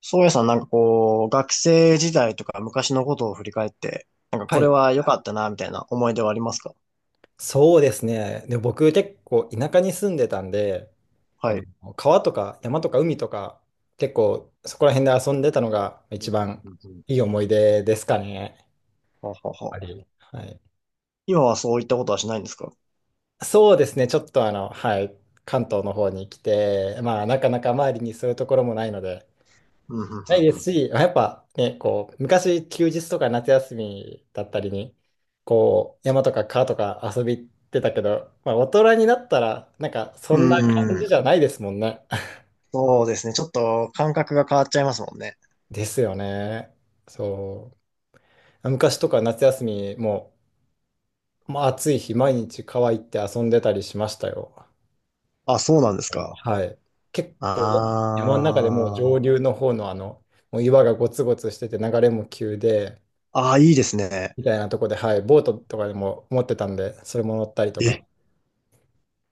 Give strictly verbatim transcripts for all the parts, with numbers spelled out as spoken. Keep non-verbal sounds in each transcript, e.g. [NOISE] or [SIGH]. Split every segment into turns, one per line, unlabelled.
宗谷さん、なんかこう、学生時代とか昔のことを振り返って、なんか
は
これ
い、
は良かったな、みたいな思い出はありますか？
そうですね。で、僕結構田舎に住んでたんで、あ
は
の、
い。
川とか山とか海とか、結構そこら辺で遊んでたのが
う
一
ん
番
うん。うん。
いい思い出ですかね。やっ
はは
ぱ
は。
り。はい。
今はそういったことはしないんですか？
そうですね。ちょっとあの、はい、関東の方に来て、まあなかなか周りにそういうところもないので、
うん、うん、
ないですし、やっぱね、こう、昔休日とか夏休みだったりに、こう、山とか川とか遊び行ってたけど、まあ大人になったら、なんかそ
う
んな
んう
感
ん。う
じ
ん。
じゃないですもんね。[LAUGHS]
そうですね。ちょっと感覚が変わっちゃいますもんね。
ですよね。そう。昔とか夏休みも、まあ、暑い日、毎日川行って遊んでたりしましたよ。
あ、そうなんですか。
はい。結
あ
構ね、山の中でもう上
ー。
流の方のあの、もう岩がゴツゴツしてて流れも急で、
あー、いいですね。
みたいなとこで、はい、ボートとかでも持ってたんで、それも乗ったりと
え、
か。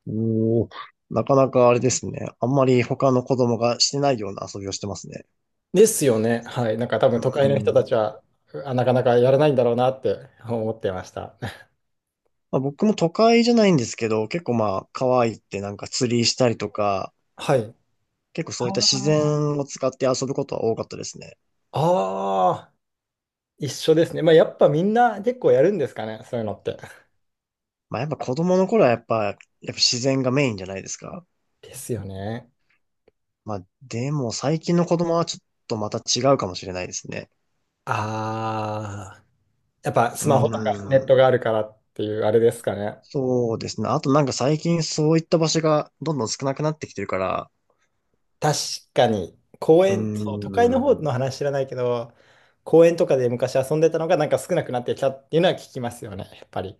おー。なかなかあれですね。あんまり他の子供がしてないような遊びをしてますね。
ですよね。はい。なんか多分都会の人たちは、あなかなかやらないんだろうなって思ってました。[LAUGHS]
まあ、僕も都会じゃないんですけど、結構まあ、川行ってなんか釣りしたりとか、
はい。
結構そういった自然を使って遊ぶことは多かったですね。
ああ、一緒ですね。まあ、やっぱみんな結構やるんですかね、そういうのって。
まあやっぱ子供の頃はやっぱ、やっぱ自然がメインじゃないですか。
ですよね。
まあでも最近の子供はちょっとまた違うかもしれないですね。
ああ、やっぱ
そ
スマ
う
ホと
なんです
か
ね、
ネ
う
ッ
ーん。
トがあるからっていうあれですかね。
そうですね。あとなんか最近そういった場所がどんどん少なくなってきてるから、
確かに、公
うー
園、そう都会の方の
ん。
話知らないけど、公園とかで昔遊んでたのがなんか少なくなってきたっていうのは聞きますよね、やっぱり。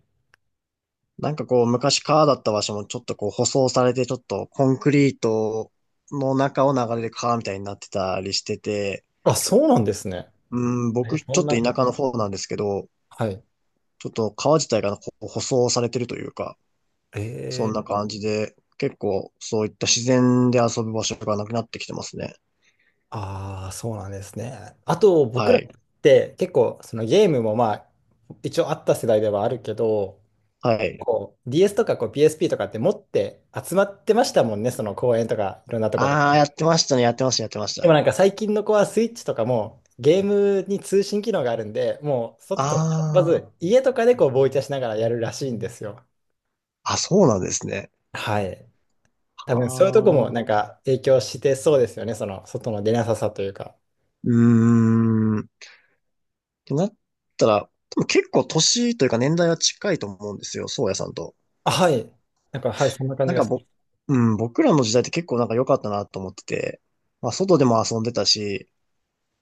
なんかこう、昔川だった場所もちょっとこう、舗装されて、ちょっとコンクリートの中を流れる川みたいになってたりしてて、
あ、そうなんですね。
うん、
え、
僕、ち
そ
ょ
ん
っと田
なこ
舎
と、
の方なんですけど、
はい。
ちょっと川自体がこう舗装されてるというか、
え
そん
ー、
な感じで、結構そういった自然で遊ぶ場所がなくなってきてますね。
ああ、そうなんですね。あと、僕
は
らっ
い。
て結構、そのゲームもまあ、一応あった世代ではあるけど、
はい。
こう ディーエス とかこう ピーエスピー とかって持って集まってましたもんね、その公園とかいろんなとこで。
ああ、やってましたね。やってました、やってまし
でも
た。
なんか最近の子はスイッチとかもゲームに通信機能があるんで、もう外と、ま
あ
ず家とかでこうボイチャしながらやるらしいんですよ。
あ、あ、そうなんですね。
はい。多
あ
分そういうとこ
あ、
も
う
なんか影響してそうですよね、その外の出なささというか。
ーん。てなったら、多分結構年というか年代は近いと思うんですよ、宗谷さんと。
あ、はい。なんか、はい、そんな感
な
じ
ん
が
か
しま
ぼ、
す。
うん、僕らの時代って結構なんか良かったなと思ってて、まあ外でも遊んでたし、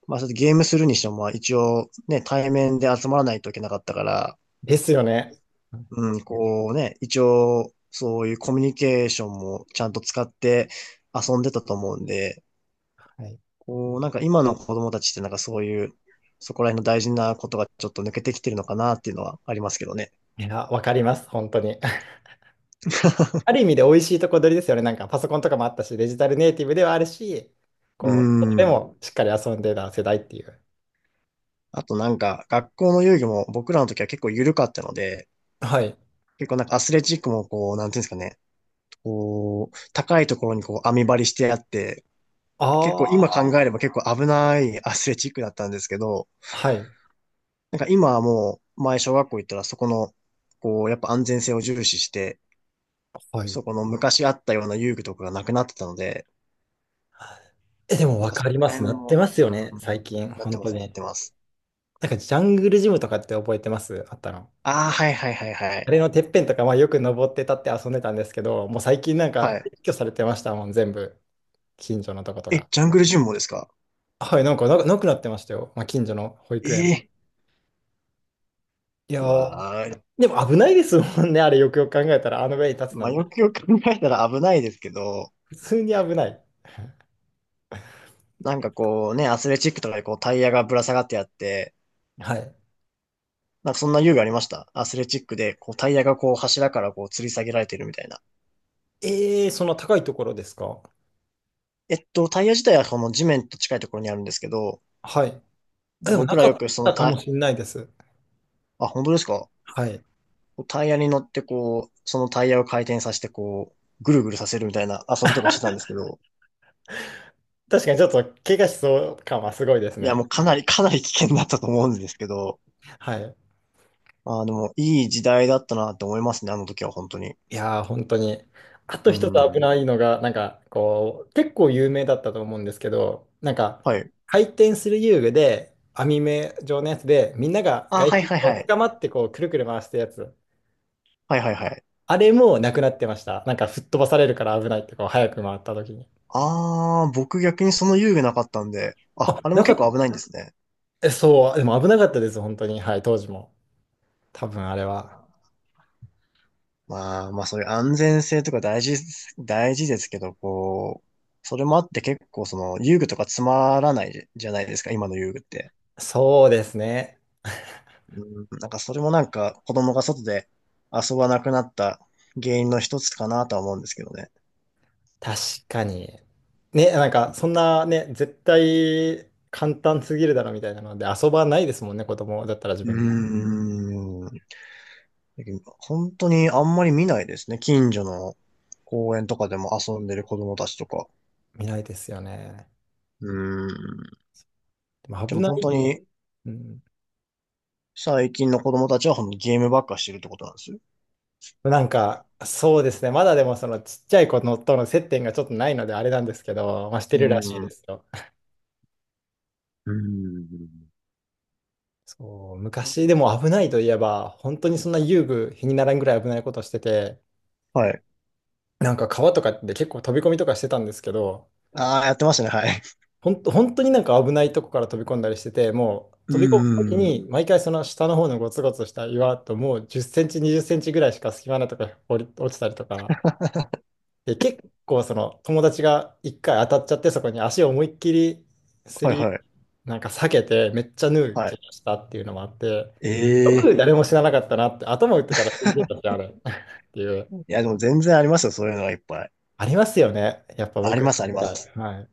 まあそれでゲームするにしてもまあ一応ね、対面で集まらないといけなかったから、
ですよね。
うん、こうね、一応そういうコミュニケーションもちゃんと使って遊んでたと思うんで、
はい。
こうなんか今の子供たちってなんかそういう、そこら辺の大事なことがちょっと抜けてきてるのかなっていうのはありますけどね。
いや、わかります、本当に。[LAUGHS] ある意味で美味しいとこ取りですよね。なんかパソコンとかもあったし、デジタルネイティブではあるし、
う
こう、で
ーん。
もしっかり遊んでた世代っていう。
あとなんか、学校の遊戯も僕らの時は結構緩かったので、
はい。
結構なんかアスレチックもこう、なんていうんですかね、こう、高いところにこう網張りしてあって、結
あ
構今
あ、
考えれば結構危ないアスレチックだったんですけど、
はい。
なんか今はもう、前小学校行ったらそこの、こう、やっぱ安全性を重視して、
はい。
そこの昔あったような遊具とかがなくなってたので、
え、でも
な
わ
んかそ
かり
こ
ま
ら
す。
辺
なって
も、
ますよね、
う
最
ん、
近、
なって
本
ま
当
す、なっ
に。
てます。
なんかジャングルジムとかって覚えてます？あったの？
ああ、はいはいはいは
あれ
い。
のてっぺんとか、まあ、よく登って立って遊んでたんですけど、もう最近なん
は
か
い。
撤去されてましたもん、全部。近所のとこと
え、
か。
ジャングルジムもですか？
はい、なんかな、なくなってましたよ、まあ、近所の保育園は。
ええ、
いや
う
ー、
わあ、
でも危ないですもんね、あれよくよく考えたら、あの上に立つな
まあ、
んて。
よくよく考えたら危ないですけど、
普通に危ない。
なんかこうね、アスレチックとかでこうタイヤがぶら下がってあって、
はい。
なんかそんな遊具ありました、アスレチックでこうタイヤがこう柱からこう吊り下げられてるみたいな。
えー、そんな高いところですか？
えっと、タイヤ自体はこの地面と近いところにあるんですけど、
はい。あ
で、
でもな
僕ら
か
よ
っ
くその
たか
タ
も
イ、
しれないです。
あ、本当ですか？
はい。
こうタイヤに乗ってこう、そのタイヤを回転させてこう、ぐるぐるさせるみたいな遊びとかしてたんですけど、
確かにちょっと怪我しそう感はすごいです
いや
ね。
もうかなりかなり危険だったと思うんですけど、
はい。
ああ、でもいい時代だったなって思いますね、あの時は本当に。
いやー、本当に。あと
う
一つ危
ん。
ないのが、なんか、こう、結構有名だったと思うんですけど、なんか、
はい。
回転する遊具で、網目状のやつで、みんなが
あ、
外
はい
周
はい
を
はい。
捕まって、こう、くるくる回したやつ。
はいはいはい。
あれもなくなってました。なんか、吹っ飛ばされるから危ないって、こう、早く回った時に。
あー、僕逆にその遊具なかったんで、あ、
あ、
あれも
なか
結
っ
構
た。
危ないんですね。
えそう、でも危なかったです、本当に。はい、当時も。多分あれは。
まあ、まあそういう安全性とか大事、大事ですけど、こう、それもあって結構その遊具とかつまらないじゃないですか、今の遊具って。
そうですね。
うん、なんかそれもなんか子供が外で遊ばなくなった原因の一つかなとは思うんですけどね。
確かに。ね、なんか、そんなね、絶対簡単すぎるだろみたいなので、遊ばないですもんね、子供だったら自
う
分も。
ーん。だけど本当にあんまり見ないですね。近所の公園とかでも遊んでる子供たちとか。
見ないですよね。
うーん。
でも
で
危
も
な
本
い。
当に
うん。
最近の子供たちは本当にゲームばっかしてるってことなんですよ。
なんか、そうですね。まだでも、そのちっちゃい子のとの接点がちょっとないので、あれなんですけど、まあ、して
う
るらしい
ー
で
ん。
すよ。
うーん。
そう、昔でも危ないといえば、本当にそんな遊具、日にならんぐらい危ないことしてて、
はい。
なんか川とかで結構飛び込みとかしてたんですけど、
ああ、やってましたね。はい。
ほんと、本当になんか危ないとこから飛び込んだりしてて、もう
う
飛び込むとき
ーん。
に、毎回その下の方のゴツゴツした岩と、もうじゅっセンチ、にじゅっセンチぐらいしか隙間なとか落り、落ちたりとか、で、結構その友達が一回当たっちゃって、そこに足を思いっきりす
はい
り、
はい。
なんか避けて、めっちゃ縫う
は
怪
い。
我したっていうのもあって、よ
え
く
え。
誰も死ななかったなって、頭打ってたら死んでたし、あ
[LAUGHS]
れ [LAUGHS] っていう、
いや、でも全然ありますよ。そういうのがいっぱい。
ありますよね、やっぱ
あり
僕ら
ます、
の
あり
世
ま
代。
す。
はい。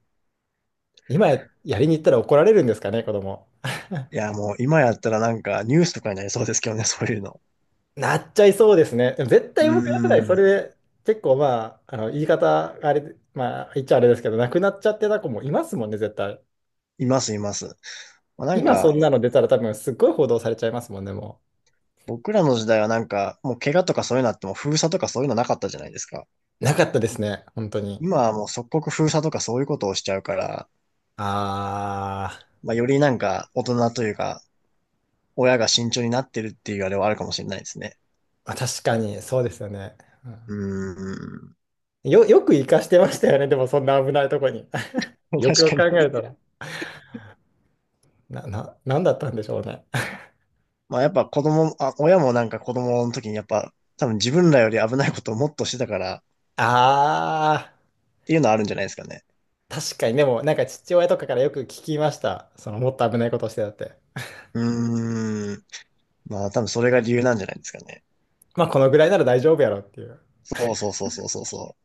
今や、やりに行ったら怒られるんですかね、子供。
いや、もう今やったらなんかニュースとかになりそうですけどね、そういうの。
なっちゃいそうですね。でも絶
う
対僕ら世代、そ
ー
れ
ん。
で結構まあ、あの言い方、あれまあ、言っちゃあれですけど、なくなっちゃってた子もいますもんね、絶対。
います、います。まあ、なん
今そ
か、
んなの出たら多分すっごい報道されちゃいますもんね、も
僕らの時代はなんか、もう怪我とかそういうのあっても封鎖とかそういうのなかったじゃないですか。
う。なかったですね、本当に。
今はもう即刻封鎖とかそういうことをしちゃうから、
あー、
まあ、よりなんか大人というか、親が慎重になってるっていうあれはあるかもしれないですね。
まあ、確かに、そうですよね。う
う
ん
ーん。
よ、よく生かしてましたよね、でもそんな危ないとこに。[LAUGHS]
[LAUGHS]
よく
確
よ
か
く考
に。
えたら。な、な、なんだったんでしょうね。
まあやっぱ子供、あ、親もなんか子供の時にやっぱ多分自分らより危ないことをもっとしてたからっ
あ
ていうのはあるんじゃないですかね。
ー、確かに、でもなんか父親とかからよく聞きました。そのもっと危ないことをしてたって。
うーん。まあ多分それが理由なんじゃないですかね。
まあこのぐらいなら大丈夫やろっていう。
そうそうそうそうそうそ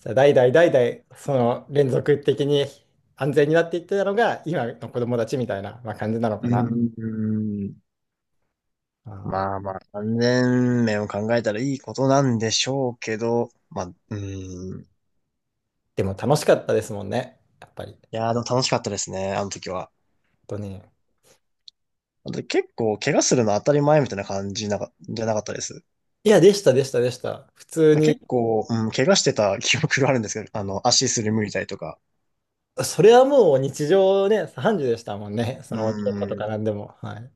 さ代々代々その連続的に安全になっていってたのが今の子供たちみたいな、まあ、感じなの
う。
かな。
うーん。
あー
まあまあ、安全面を考えたらいいことなんでしょうけど、まあ、うーん。
でも楽しかったですもんね。やっぱり。
いやー、でも楽しかったですね、あの時は。
本当に。
あと結構、怪我するの当たり前みたいな感じなか、じゃなかったです。
いや、でした、でした、でした。普通
まあ、
に。
結構、うん、怪我してた記憶があるんですけど、[LAUGHS] あの、足すりむいたりとか。
それはもう日常ね、さんじでしたもんね。そ
う
の鬼ごっこと
ー
か
ん。
なんでも。はい。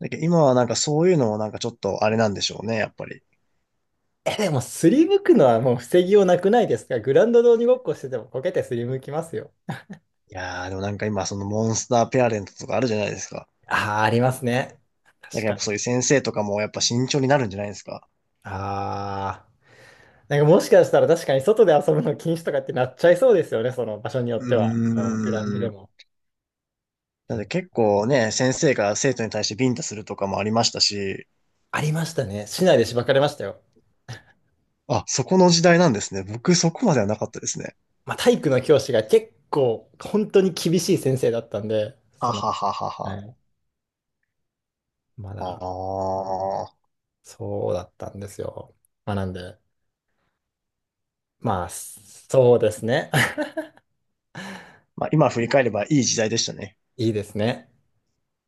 だけど今はなんかそういうのもなんかちょっとあれなんでしょうね、やっぱり。
え、でも、すりむくのはもう防ぎようなくないですか？グラウンドで鬼ごっこしててもこけてすりむきますよ。
いやー、でもなんか今、そのモンスターペアレントとかあるじゃないですか。
ああ、ありますね。
なんかやっ
確
ぱ
か
そ
に。
ういう先生とかもやっぱ慎重になるんじゃないですか。
ああ。なんかもしかしたら確かに外で遊ぶの禁止とかってなっちゃいそうですよね、その場所によ
う
っては。もうグラウンド
ー
で
ん。
も。え
なんで
ー
結構ね、先生が生徒に対してビンタするとかもありましたし、
ありましたね。市内でしばかれましたよ。
あ、そこの時代なんですね。僕そこまではなかったですね。
まあ、体育の教師が結構本当に厳しい先生だったんで、そ
は
の、
はははは。
ねま
あ
だ
あ。
そうだったんですよ。まあ、なんで、まあ、そうですね。[LAUGHS]
まあ今振り返ればいい時代でしたね。
いいですね。